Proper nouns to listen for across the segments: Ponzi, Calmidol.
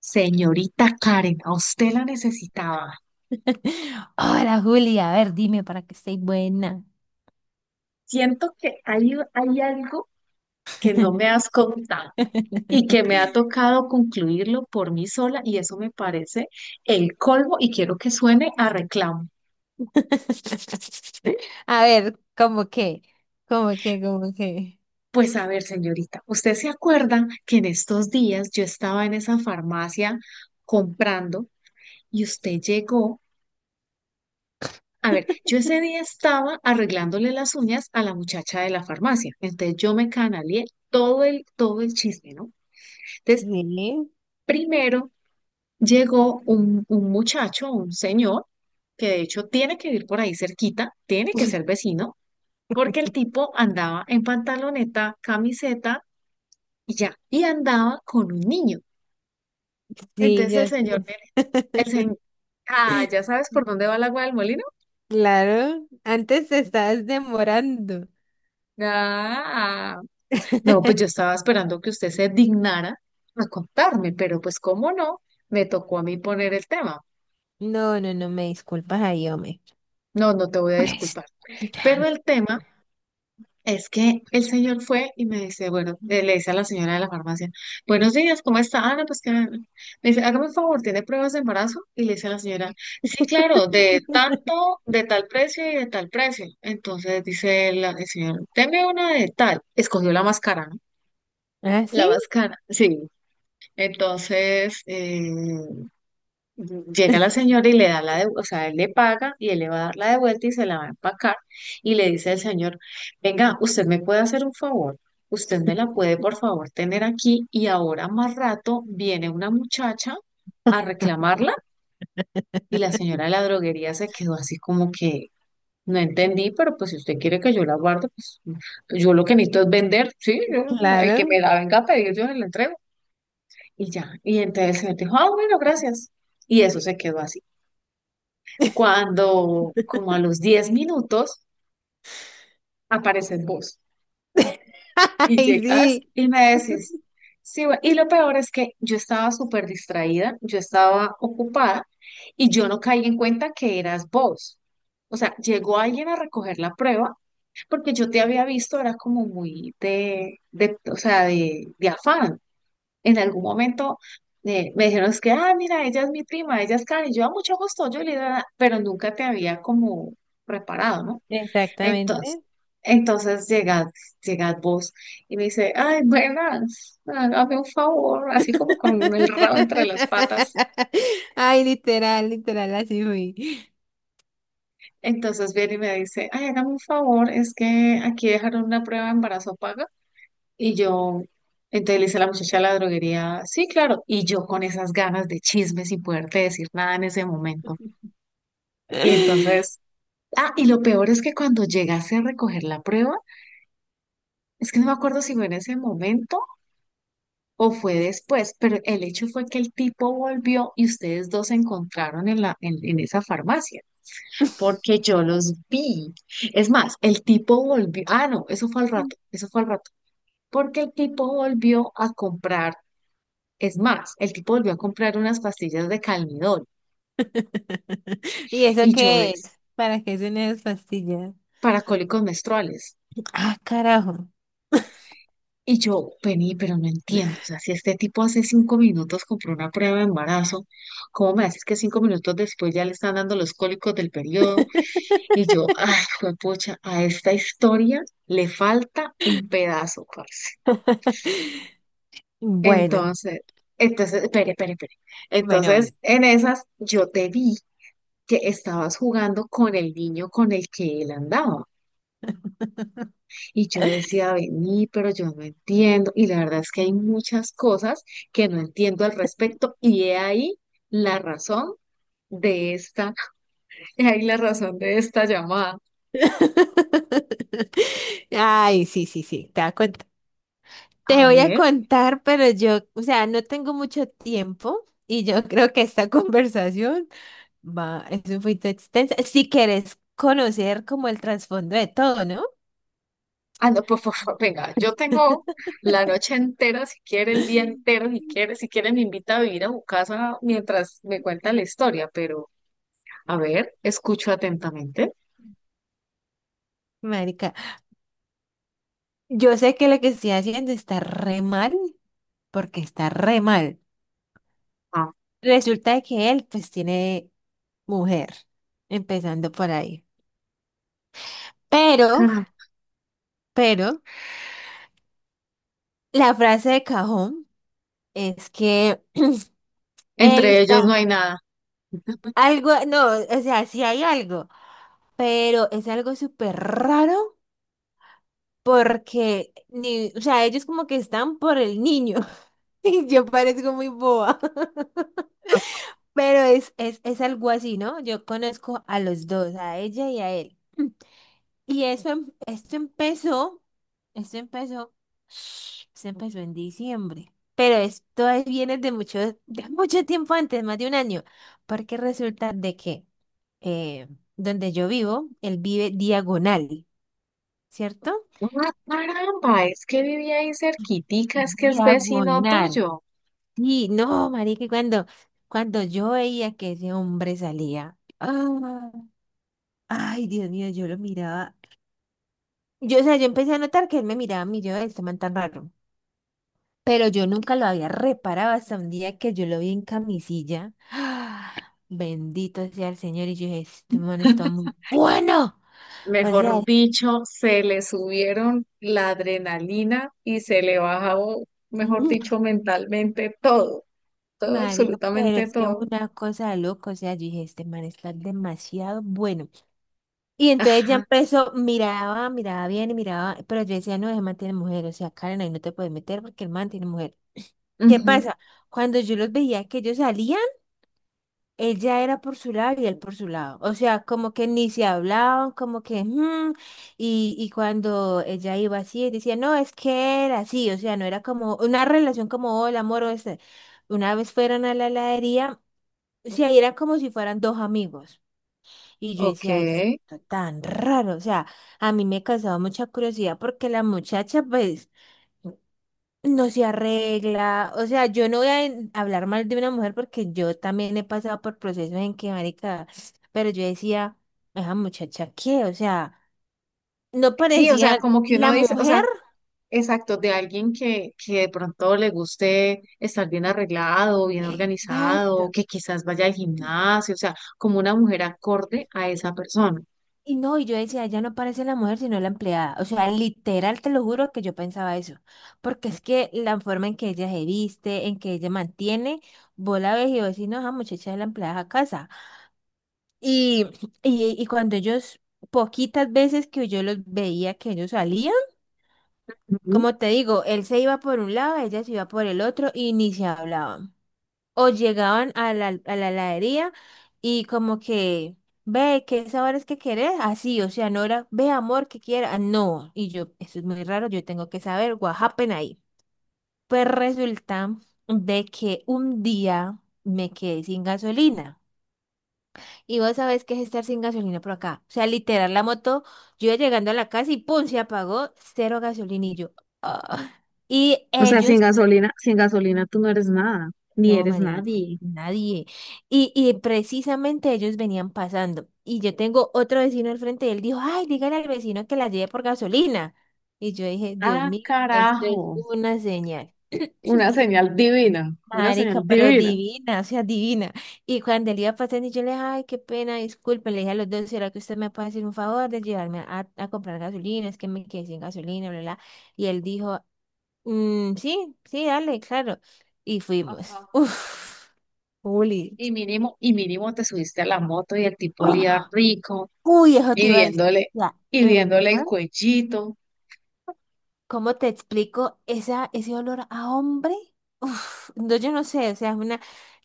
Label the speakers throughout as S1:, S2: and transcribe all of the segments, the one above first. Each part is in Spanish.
S1: Señorita Karen, a usted la necesitaba.
S2: Hola Julia, a ver, dime para que esté buena.
S1: Siento que hay algo que no me has contado y que me ha tocado concluirlo por mí sola, y eso me parece el colmo, y quiero que suene a reclamo.
S2: A ver, ¿cómo qué? ¿Cómo qué? ¿Cómo qué?
S1: Pues a ver, señorita, ¿usted se acuerda que en estos días yo estaba en esa farmacia comprando y usted llegó? A ver, yo ese día estaba arreglándole las uñas a la muchacha de la farmacia, entonces yo me canalié todo el chisme, ¿no? Entonces,
S2: Sí,
S1: primero llegó un muchacho, un señor, que de hecho tiene que vivir por ahí cerquita, tiene que ser vecino, porque el tipo andaba en pantaloneta, camiseta y ya, y andaba con un niño.
S2: sí,
S1: Entonces
S2: ya sé.
S1: el señor, ah, ¿ya sabes por dónde va el agua del molino?
S2: Claro, antes te estabas demorando.
S1: Ah, no, pues yo estaba esperando que usted se dignara a contarme, pero pues cómo no, me tocó a mí poner el tema.
S2: No, no, no, me disculpas ahí, hombre.
S1: No, no te voy a
S2: Pues.
S1: disculpar. Pero el tema... Es que el señor fue y me dice, bueno, le dice a la señora de la farmacia, buenos días, ¿cómo está, Ana?, pues que me dice, hágame un favor, ¿tiene pruebas de embarazo? Y le dice a la señora, sí, claro, de tanto, de tal precio y de tal precio. Entonces dice el señor, deme una de tal. Escogió la máscara, ¿no?
S2: ¿Ah,
S1: La
S2: sí?
S1: máscara, sí. Entonces, llega la señora y le da la de, o sea, él le paga y él le va a dar la de vuelta y se la va a empacar, y le dice al señor, venga, usted me puede hacer un favor, usted me la puede por favor tener aquí, y ahora más rato viene una muchacha a reclamarla. Y la señora de la droguería se quedó así como que no entendí, pero pues si usted quiere que yo la guarde, pues yo lo que necesito es vender, sí, yo... el que
S2: Claro.
S1: me la venga a pedir yo se la entrego y ya. Y entonces el señor dijo, ah, bueno, gracias. Y eso se quedó así. Cuando, como a los 10 minutos, apareces vos y
S2: Ay,
S1: llegas
S2: sí.
S1: y me decís, sí, y lo peor es que yo estaba súper distraída, yo estaba ocupada y yo no caí en cuenta que eras vos. O sea, llegó alguien a recoger la prueba porque yo te había visto, era como muy de, o sea, de afán. En algún momento, me dijeron, es que, ah, mira, ella es mi prima, ella es Karen, y yo, a mucho gusto, yo le... pero nunca te había como preparado, ¿no?
S2: Exactamente.
S1: Entonces, entonces llegad, llegad vos y me dice, ay, buenas, hágame un favor, así como con el rabo entre las patas.
S2: Ay, literal, literal, así fui.
S1: Entonces viene y me dice, ay, hágame un favor, es que aquí dejaron una prueba de embarazo paga. Y yo... entonces le dice la muchacha de la droguería, sí, claro. Y yo con esas ganas de chisme sin poderte decir nada en ese momento. Y entonces, ah, y lo peor es que cuando llegase a recoger la prueba, es que no me acuerdo si fue en ese momento o fue después, pero el hecho fue que el tipo volvió y ustedes dos se encontraron en en esa farmacia, porque yo los vi. Es más, el tipo volvió, ah, no, eso fue al rato, eso fue al rato, porque el tipo volvió a comprar, es más, el tipo volvió a comprar unas pastillas de Calmidol,
S2: ¿Y eso
S1: y yo,
S2: qué
S1: es
S2: es? ¿Para qué son esas pastillas?
S1: para cólicos menstruales.
S2: Ah, carajo.
S1: Y yo, vení, pero no entiendo, o sea, si este tipo hace 5 minutos compró una prueba de embarazo, ¿cómo me haces que 5 minutos después ya le están dando los cólicos del periodo? Y yo, ay, pucha, a esta historia le falta un pedazo, parce.
S2: Bueno,
S1: Entonces, entonces, espere, espere, espere.
S2: bueno,
S1: Entonces,
S2: bueno.
S1: en esas, yo te vi que estabas jugando con el niño con el que él andaba. Y yo decía, vení, pero yo no entiendo. Y la verdad es que hay muchas cosas que no entiendo al respecto. Y he ahí la razón de esta, he ahí la razón de esta llamada.
S2: Ay, sí, sí, sí, te voy a contar. Te
S1: A
S2: voy a
S1: ver.
S2: contar, pero yo, o sea, no tengo mucho tiempo y yo creo que esta conversación va, es un poquito extensa. Si quieres conocer como el trasfondo de todo, ¿no?
S1: Ah, no, por favor, venga, yo tengo la noche entera, si quiere, el día entero, si quiere, si quiere, me invita a vivir a su casa mientras me cuenta la historia, pero a ver, escucho atentamente.
S2: Marica, yo sé que lo que estoy haciendo está re mal, porque está re mal.
S1: Ah,
S2: Resulta de que él pues tiene mujer, empezando por ahí. Pero,
S1: caramba.
S2: pero, la frase de cajón es que él
S1: Entre ellos
S2: está
S1: no hay nada.
S2: algo, no, o sea, sí hay algo, pero es algo súper raro porque, ni, o sea, ellos como que están por el niño. Yo parezco muy boba, pero es algo así, ¿no? Yo conozco a los dos, a ella y a él. Y eso, esto empezó, esto empezó en diciembre, pero viene de mucho tiempo antes, más de un año, porque resulta de que eh, donde yo vivo, él vive diagonal, ¿cierto?
S1: Ah, caramba, es que vivía ahí cerquitica, es que es vecino
S2: Diagonal.
S1: tuyo.
S2: Sí, no, marica, y cuando yo veía que ese hombre salía, ah, ay, Dios mío, yo lo miraba. Yo, o sea, yo empecé a notar que él me miraba a mí, yo, este man tan raro. Pero yo nunca lo había reparado hasta un día que yo lo vi en camisilla. Ah, bendito sea el Señor. Y yo dije, este man está muy bueno. O sea,
S1: Mejor dicho, se le subieron la adrenalina y se le bajó, mejor
S2: mm,
S1: dicho, mentalmente todo, todo,
S2: marica, pero
S1: absolutamente
S2: es que es
S1: todo.
S2: una cosa de loco. O sea, yo dije, este man está demasiado bueno. Y entonces ya
S1: Ajá.
S2: empezó, miraba, miraba bien y miraba, pero yo decía, no, ese man tiene mujer, o sea, Karen, ahí no te puedes meter porque el man tiene mujer. ¿Qué
S1: Ujú.
S2: pasa? Cuando yo los veía que ellos salían, ella era por su lado y él por su lado. O sea, como que ni se hablaban, como que, "Mm", y cuando ella iba así, él decía, no, es que era así, o sea, no era como una relación como, hola, amor, o este. Una vez fueron a la heladería, o sea, y era como si fueran dos amigos. Y yo
S1: Ok.
S2: decía, esto tan raro, o sea, a mí me causaba mucha curiosidad porque la muchacha, pues, no se arregla, o sea, yo no voy a hablar mal de una mujer porque yo también he pasado por procesos en que, marica, pero yo decía, esa muchacha, ¿qué? O sea, no
S1: Sí, o sea,
S2: parecía
S1: como que
S2: la
S1: uno dice, o
S2: mujer.
S1: sea, exacto, de alguien que de pronto le guste estar bien arreglado, bien
S2: Exacto.
S1: organizado, que quizás vaya al gimnasio, o sea, como una mujer acorde a esa persona.
S2: Y no, y yo decía, ya no parece la mujer, sino la empleada. O sea, literal, te lo juro que yo pensaba eso. Porque es que la forma en que ella se viste, en que ella mantiene, vos la ves y vos decís, no, esa muchacha es la empleada a casa. Y, y cuando ellos, poquitas veces que yo los veía que ellos salían,
S1: Ujú.
S2: como te digo, él se iba por un lado, ella se iba por el otro y ni se hablaban. O llegaban a la heladería y como que, ve, ¿qué sabores que querés? Así, o sea, no era, ve, amor, que quiera. No, y yo, eso es muy raro, yo tengo que saber, what happened ahí. Pues resulta de que un día me quedé sin gasolina. Y vos sabés qué es estar sin gasolina por acá. O sea, literal, la moto, yo iba llegando a la casa y ¡pum! Se apagó, cero gasolina y yo. Ah. Y
S1: O sea, sin
S2: ellos.
S1: gasolina, sin gasolina tú no eres nada, ni
S2: No,
S1: eres
S2: Marense,
S1: nadie.
S2: nadie. Y precisamente ellos venían pasando. Y yo tengo otro vecino al frente y él dijo, ay, dígale al vecino que la lleve por gasolina. Y yo dije, Dios
S1: Ah,
S2: mío, esto es
S1: carajo.
S2: una señal.
S1: Una señal divina, una
S2: Marica,
S1: señal
S2: pero
S1: divina.
S2: divina, o sea, divina. Y cuando él iba pasando, y yo le dije, ay, qué pena, disculpe, le dije a los dos, ¿será que usted me puede hacer un favor de llevarme a comprar gasolina? Es que me quedé sin gasolina, bla, bla. Y él dijo, "Mm, sí, sí, dale, claro". Y fuimos.
S1: Ajá.
S2: Uf, Juli.
S1: Y mínimo te subiste a la moto y el tipo olía
S2: ¡Oh!
S1: rico,
S2: Uy, eso te
S1: y
S2: iba a decir.
S1: viéndole,
S2: O sea,
S1: y
S2: el
S1: viéndole el
S2: man,
S1: cuellito.
S2: ¿cómo te explico esa, ese olor a hombre? Uf, no, yo no sé, o sea, es una,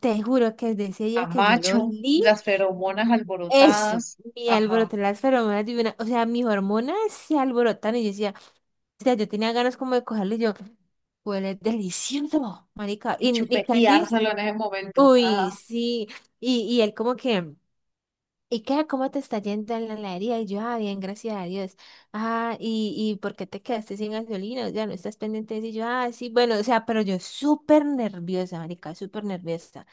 S2: te juro que desde ese
S1: A
S2: día que yo lo
S1: macho,
S2: olí,
S1: las feromonas
S2: eso,
S1: alborotadas,
S2: mi
S1: ajá,
S2: alboroté las feromonas de una, o sea, mis hormonas se alborotaron y yo decía, o sea, yo tenía ganas como de cogerlo y yo, huele delicioso, marica,
S1: y
S2: y casi,
S1: chupeteárselo en ese momento,
S2: uy,
S1: ajá.
S2: sí, y él como que... ¿Y qué? ¿Cómo te está yendo en la heladería? Y yo, ah, bien, gracias a Dios. Ah, ¿y por qué te quedaste sin gasolina? Ya no estás pendiente de eso. Y yo, ah, sí, bueno, o sea, pero yo súper nerviosa, marica, súper nerviosa.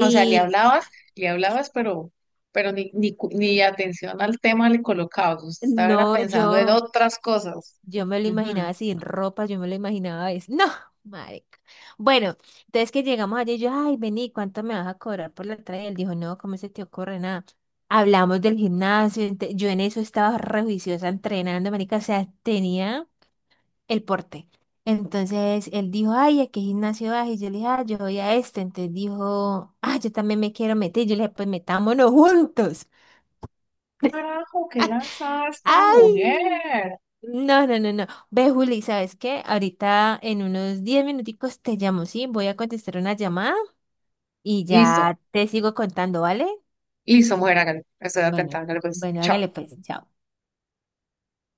S1: O sea, le hablabas, pero ni atención al tema le colocabas, usted estaba era
S2: no,
S1: pensando en
S2: yo,
S1: otras cosas.
S2: yo me lo
S1: Ujú.
S2: imaginaba sin ropa, yo me lo imaginaba, es, no, marica. Bueno, entonces que llegamos allí, yo, ay, vení, ¿cuánto me vas a cobrar por la entrada? Y él dijo, no, ¿cómo se te ocurre nada? Hablamos del gimnasio, yo en eso estaba re juiciosa entrenando, marica, o sea, tenía... el porte. Entonces él dijo, ay, ¿a qué gimnasio vas? Y yo le dije, ah, yo voy a este. Entonces dijo, ah, yo también me quiero meter. Yo le dije, pues metámonos juntos.
S1: Carajo, qué lanzada esta
S2: ¡Ay!
S1: mujer.
S2: No, no, no, no. Ve, Juli, ¿sabes qué? Ahorita en unos 10 minuticos te llamo, ¿sí? Voy a contestar una llamada y
S1: Listo,
S2: ya te sigo contando, ¿vale?
S1: listo, mujer, hágale, estoy
S2: Bueno,
S1: atentada, hágale, pues,
S2: bueno,
S1: chao.
S2: hágale pues, chao.